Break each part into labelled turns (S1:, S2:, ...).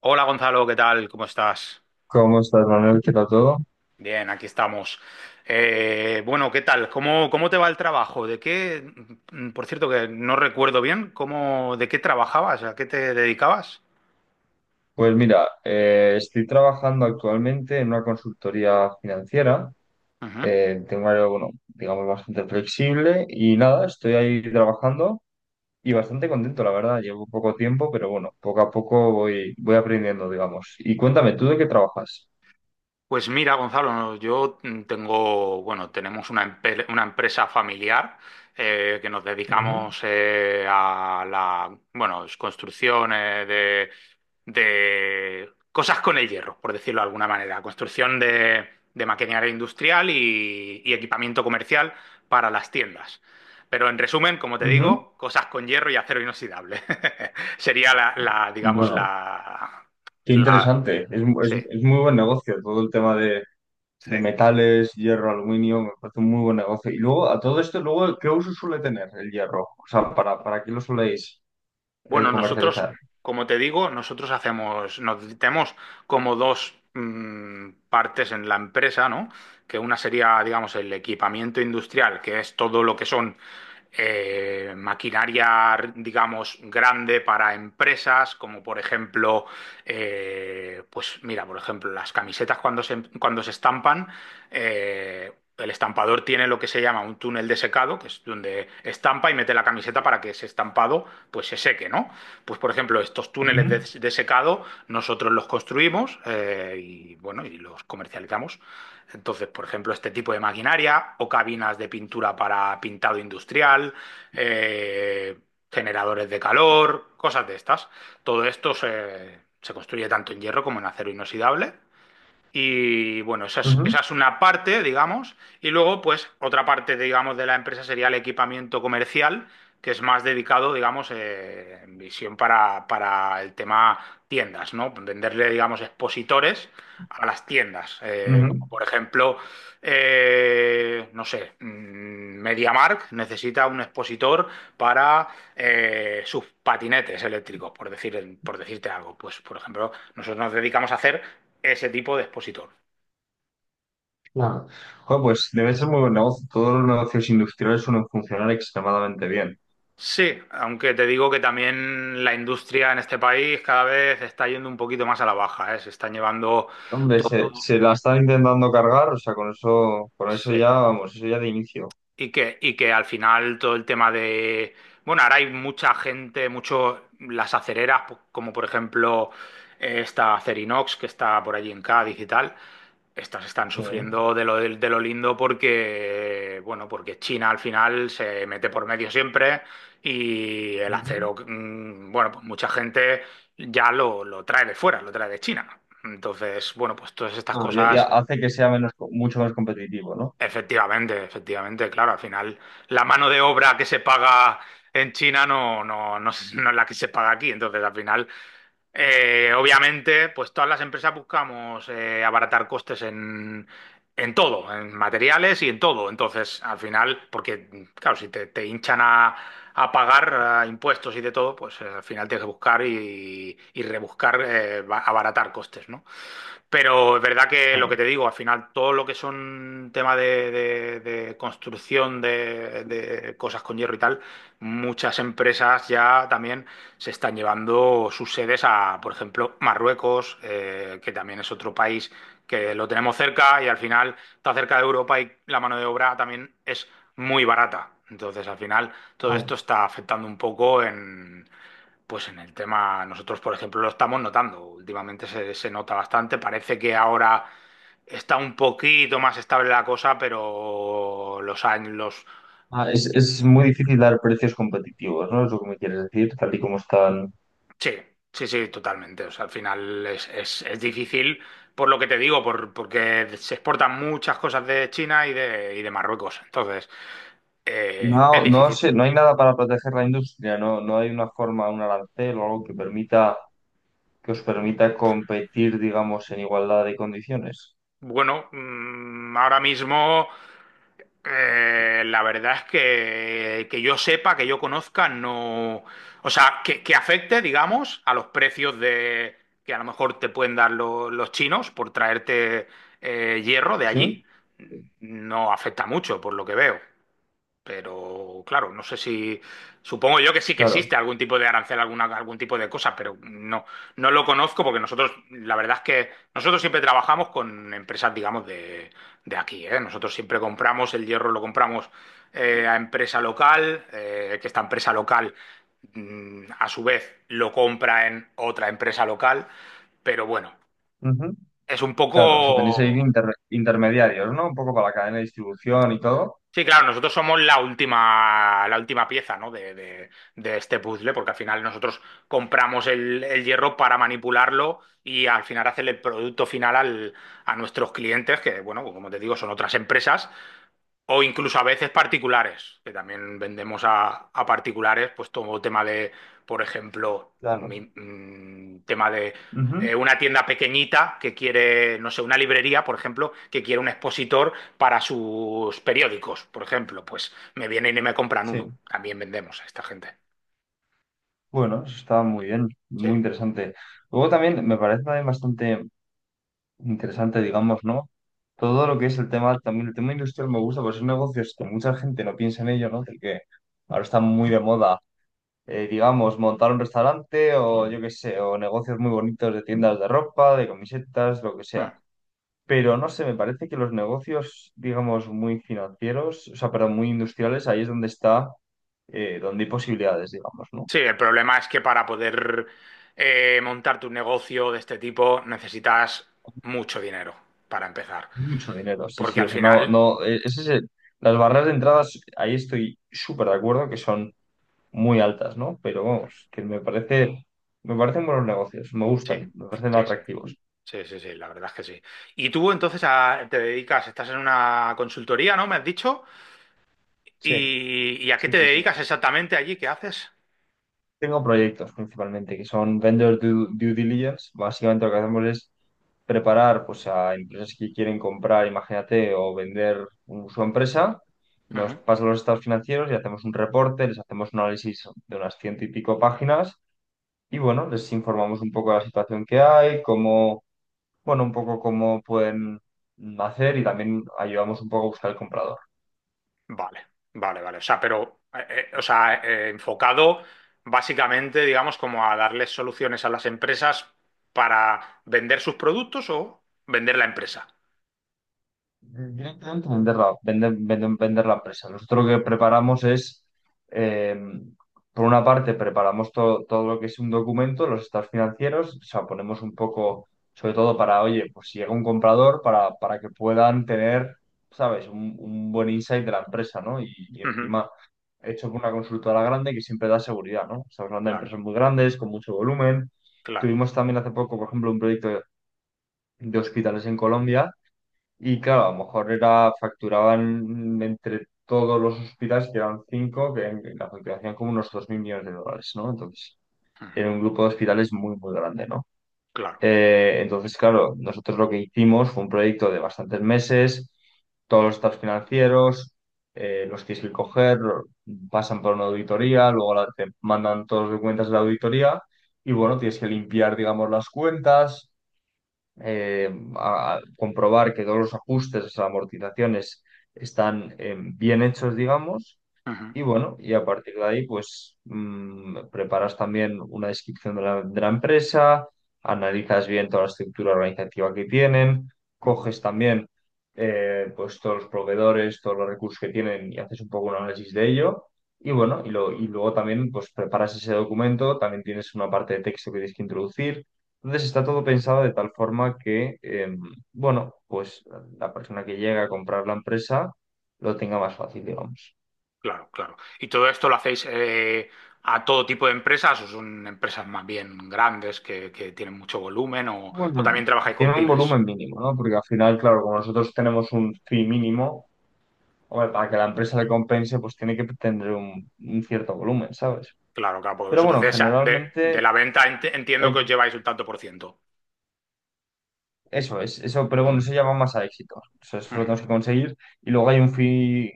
S1: Hola Gonzalo, ¿qué tal? ¿Cómo estás?
S2: ¿Cómo estás, Manuel? ¿Qué tal todo?
S1: Bien, aquí estamos. Bueno, ¿qué tal? ¿Cómo te va el trabajo? ¿De qué? Por cierto, que no recuerdo bien, ¿cómo, de qué trabajabas? ¿A qué te dedicabas?
S2: Pues mira, estoy trabajando actualmente en una consultoría financiera.
S1: Ujú.
S2: Tengo un horario, bueno, digamos, bastante flexible y nada, estoy ahí trabajando y bastante contento, la verdad. Llevo poco tiempo, pero bueno, poco a poco voy aprendiendo, digamos. Y cuéntame, ¿tú de qué trabajas?
S1: Pues mira, Gonzalo, no, yo tengo, bueno, tenemos una, una empresa familiar que nos
S2: Ujú,
S1: dedicamos a la, bueno, es construcción de cosas con el hierro, por decirlo de alguna manera, construcción de maquinaria industrial y equipamiento comercial para las tiendas. Pero en resumen, como te
S2: ujú.
S1: digo, cosas con hierro y acero inoxidable. Sería la, la, digamos,
S2: Bueno,
S1: la,
S2: qué
S1: la,
S2: interesante. Es, mu-
S1: sí.
S2: es muy buen negocio todo el tema
S1: Sí.
S2: de metales, hierro, aluminio, me parece un muy buen negocio. Y luego, a todo esto, luego, ¿qué uso suele tener el hierro? O sea, ¿para qué lo soléis
S1: Bueno, nosotros,
S2: comercializar?
S1: como te digo, nosotros hacemos, nos tenemos como dos partes en la empresa, ¿no? Que una sería, digamos, el equipamiento industrial, que es todo lo que son maquinaria, digamos, grande para empresas, como por ejemplo, pues mira, por ejemplo, las camisetas cuando se estampan eh, el estampador tiene lo que se llama un túnel de secado, que es donde estampa y mete la camiseta para que ese estampado pues se seque, ¿no? Pues por ejemplo, estos
S2: Ujú,
S1: túneles de secado nosotros los construimos y bueno, y los comercializamos. Entonces, por ejemplo, este tipo de maquinaria o cabinas de pintura para pintado industrial, eh, generadores de calor, cosas de estas. Todo esto se, se construye tanto en hierro como en acero inoxidable y bueno, esa
S2: ujú,
S1: es una parte, digamos, y luego pues otra parte, digamos, de la empresa sería el equipamiento comercial, que es más dedicado, digamos, en visión para el tema tiendas, ¿no? Venderle, digamos, expositores a las tiendas,
S2: ujú.
S1: como por ejemplo, no sé, MediaMarkt necesita un expositor para sus patinetes eléctricos, por decir, por decirte algo. Pues, por ejemplo, nosotros nos dedicamos a hacer ese tipo de expositor.
S2: Claro. Joder, pues debe ser muy buen negocio. Todos los negocios industriales suelen funcionar extremadamente bien.
S1: Sí, aunque te digo que también la industria en este país cada vez está yendo un poquito más a la baja, ¿eh? Se están llevando,
S2: Hombre, se la está intentando cargar, o sea, con eso
S1: sí,
S2: ya, vamos, eso ya de inicio.
S1: y que, y que al final todo el tema de... Bueno, ahora hay mucha gente, mucho las acereras, como por ejemplo esta Acerinox que está por allí en Cádiz y tal, estas están
S2: Sí.
S1: sufriendo de lo lindo porque, bueno, porque China al final se mete por medio siempre y el
S2: Ujú.
S1: acero, bueno, pues mucha gente ya lo trae de fuera, lo trae de China. Entonces, bueno, pues todas estas
S2: Ah, ya, ya
S1: cosas.
S2: hace que sea menos, mucho más competitivo, ¿no?
S1: Efectivamente, efectivamente, claro, al final la mano de obra que se paga en China es no es la que se paga aquí, entonces al final, obviamente, pues todas las empresas buscamos abaratar costes en todo, en materiales y en todo, entonces al final, porque claro, si te, te hinchan a pagar impuestos y de todo, pues al final tienes que buscar y rebuscar, abaratar costes, ¿no? Pero es verdad que lo
S2: Claro.
S1: que te digo, al final todo lo que son temas de, de construcción de cosas con hierro y tal, muchas empresas ya también se están llevando sus sedes a, por ejemplo, Marruecos, que también es otro país que lo tenemos cerca y al final está cerca de Europa y la mano de obra también es muy barata. Entonces, al final, todo
S2: Claro.
S1: esto está afectando un poco pues en el tema, nosotros, por ejemplo, lo estamos notando. Últimamente se, se nota bastante. Parece que ahora está un poquito más estable la cosa, pero los años, los...
S2: Ah, es muy difícil dar precios competitivos, ¿no? Es lo que me quieres decir, tal y como están.
S1: Sí, sí, sí, totalmente. O sea, al final es, es difícil, por lo que te digo, por, porque se exportan muchas cosas de China y de Marruecos. Entonces, es
S2: No, no
S1: difícil.
S2: sé, no hay nada para proteger la industria, no, no hay una forma, un arancel o algo que permita, que os permita competir, digamos, en igualdad de condiciones.
S1: Bueno, ahora mismo la verdad es que yo sepa, que yo conozca, no. O sea, que afecte, digamos, a los precios de que a lo mejor te pueden dar los chinos por traerte hierro de
S2: ¿Sí?
S1: allí, no afecta mucho, por lo que veo. Pero claro, no sé si, supongo yo que sí que
S2: Claro.
S1: existe algún tipo de arancel, alguna, algún tipo de cosa, pero no, no lo conozco porque nosotros, la verdad es que nosotros siempre trabajamos con empresas, digamos, de aquí, ¿eh? Nosotros siempre compramos el hierro, lo compramos a empresa local, que esta empresa local, a su vez, lo compra en otra empresa local, pero bueno,
S2: Ujú.
S1: es un
S2: Claro, o sea, tenéis ahí
S1: poco...
S2: intermediarios, ¿no? Un poco para la cadena de distribución y todo.
S1: Sí, claro, nosotros somos la última pieza, ¿no? de, de este puzzle, porque al final nosotros compramos el hierro para manipularlo y al final hacer el producto final a nuestros clientes, que, bueno, pues como te digo, son otras empresas o incluso a veces particulares, que también vendemos a particulares, pues todo tema de, por ejemplo,
S2: Claro.
S1: tema de
S2: Ujú.
S1: una tienda pequeñita que quiere, no sé, una librería, por ejemplo, que quiere un expositor para sus periódicos, por ejemplo, pues me vienen y me compran uno.
S2: Sí.
S1: También vendemos a esta gente.
S2: Bueno, eso está muy bien,
S1: Sí.
S2: muy interesante. Luego también me parece también bastante interesante, digamos, ¿no? Todo lo que es el tema, también el tema industrial me gusta, porque son negocios que mucha gente no piensa en ello, ¿no? Del que ahora está muy de moda, digamos, montar un restaurante o yo qué sé, o negocios muy bonitos de tiendas de ropa, de camisetas, lo que
S1: Mm.
S2: sea. Pero no sé, me parece que los negocios, digamos, muy financieros, o sea, pero muy industriales, ahí es donde está, donde hay posibilidades, digamos, ¿no?
S1: Sí, el problema es que para poder montar tu negocio de este tipo necesitas mucho dinero para empezar.
S2: Mucho dinero, sí,
S1: Porque
S2: sí, o
S1: al
S2: sea, no,
S1: final
S2: no, ese es las barreras de entradas, ahí estoy súper de acuerdo que son muy altas, ¿no? Pero vamos, que me parece, me parecen buenos negocios, me
S1: sí,
S2: gustan, me parecen
S1: sí, sí,
S2: atractivos.
S1: sí, la verdad es que sí. Y tú entonces te dedicas, estás en una consultoría, ¿no? Me has dicho.
S2: Sí,
S1: Y a qué
S2: sí,
S1: te
S2: sí, sí.
S1: dedicas exactamente allí? ¿Qué haces?
S2: Tengo proyectos principalmente que son due diligence. Básicamente lo que hacemos es preparar pues, a empresas que quieren comprar, imagínate, o vender su empresa. Nos
S1: Ujú.
S2: pasan los estados financieros y hacemos un reporte, les hacemos un análisis de unas ciento y pico páginas y bueno, les informamos un poco de la situación que hay, cómo bueno, un poco cómo pueden hacer y también ayudamos un poco a buscar el comprador.
S1: Vale, vale, vale. O sea, pero, o sea, enfocado básicamente, digamos, como a darles soluciones a las empresas para vender sus productos o vender la empresa.
S2: Directamente vender la, vender la empresa. Nosotros lo que preparamos es, eh, por una parte, preparamos todo lo que es un documento, los estados financieros, o sea, ponemos un poco, sobre todo para, oye, pues si llega un comprador, para que puedan tener, ¿sabes?, un buen insight de la empresa, ¿no? Y
S1: Ujú.
S2: encima, hecho por una consultora grande que siempre da seguridad, ¿no? Estamos hablando de
S1: Claro,
S2: empresas muy grandes, con mucho volumen.
S1: claro.
S2: Tuvimos también hace poco, por ejemplo, un proyecto de hospitales en Colombia y claro, a lo mejor era, facturaban entre todos los hospitales, que eran cinco, que en la facturación como unos 2.000 millones de dólares, ¿no? Entonces,
S1: Ujú.
S2: era un grupo de hospitales muy, muy grande, ¿no?
S1: Claro.
S2: Entonces, claro, nosotros lo que hicimos fue un proyecto de bastantes meses, todos los estados financieros, los tienes que coger, pasan por una auditoría, luego te mandan todos los documentos de la auditoría y bueno, tienes que limpiar, digamos, las cuentas eh, a comprobar que todos los ajustes, las amortizaciones están bien hechos, digamos
S1: Ujú.
S2: y bueno, y a partir de ahí, pues preparas también una descripción de la empresa, analizas bien toda la estructura organizativa que tienen,
S1: Ujú.
S2: coges también pues todos los proveedores, todos los recursos que tienen y haces un poco un análisis de ello. Y bueno, y luego también pues preparas ese documento, también tienes una parte de texto que tienes que introducir. Entonces está todo pensado de tal forma que, bueno, pues la persona que llega a comprar la empresa lo tenga más fácil, digamos.
S1: Claro, claro. ¿Y todo esto lo hacéis a todo tipo de empresas o son empresas más bien grandes que tienen mucho volumen o
S2: Bueno,
S1: también trabajáis con
S2: tiene un
S1: pymes?
S2: volumen mínimo, ¿no? Porque al final, claro, como nosotros tenemos un fee mínimo, hombre, para que la empresa le compense, pues tiene que tener un cierto volumen, ¿sabes?
S1: Claro, claro, porque
S2: Pero
S1: vosotros
S2: bueno,
S1: de, de
S2: generalmente
S1: la venta entiendo que os
S2: hay-
S1: lleváis un tanto por ciento.
S2: eso es, eso, pero bueno, eso ya va más a éxito. O sea, eso lo
S1: Ujú,
S2: tenemos que conseguir. Y luego hay un fee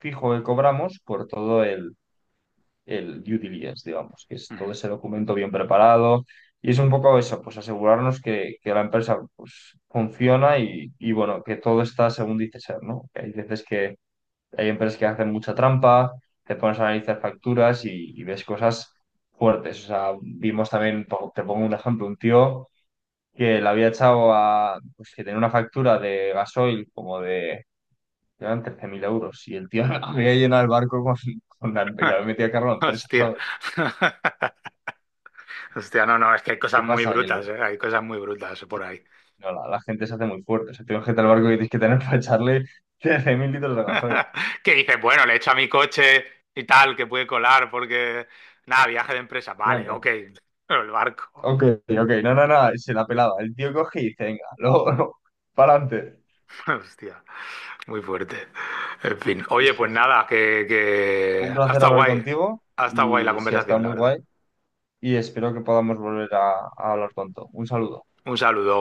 S2: fijo que cobramos por todo el due diligence, digamos, que es
S1: ujú.
S2: todo ese documento bien preparado. Y es un poco eso, pues asegurarnos que la empresa pues, funciona y, bueno, que todo está según dice ser, ¿no? Que hay veces que hay empresas que hacen mucha trampa, te pones a analizar facturas y ves cosas fuertes. O sea, vimos también, te pongo un ejemplo, un tío que le había echado a, pues que tenía una factura de gasoil como de, eran 13.000 euros y el tío había llenado el barco con la, y le había metido a cargo a la empresa,
S1: Hostia.
S2: ¿sabes?
S1: Hostia, no, no, es que hay
S2: ¿Qué
S1: cosas muy
S2: pasa? Que
S1: brutas, ¿eh? Hay cosas muy brutas por ahí.
S2: no, la gente se hace muy fuerte. O sea, tienes gente al barco que tienes que tener para echarle 13.000 litros de gasoil.
S1: Que dices, bueno, le echo a mi coche y tal, que puede colar porque, nada, viaje de empresa,
S2: Claro,
S1: vale,
S2: no.
S1: ok, pero el barco.
S2: Ok, ok, no, no, no, se la pelaba. El tío coge y dice, venga, luego, para adelante.
S1: Hostia. Muy fuerte. En fin.
S2: Sí,
S1: Oye,
S2: sí,
S1: pues
S2: sí.
S1: nada, que...
S2: Un placer
S1: Hasta
S2: hablar
S1: guay.
S2: contigo
S1: Hasta guay la
S2: y sí, ha estado
S1: conversación, la
S2: muy
S1: verdad.
S2: guay y espero que podamos volver a hablar pronto. Un saludo.
S1: Un saludo.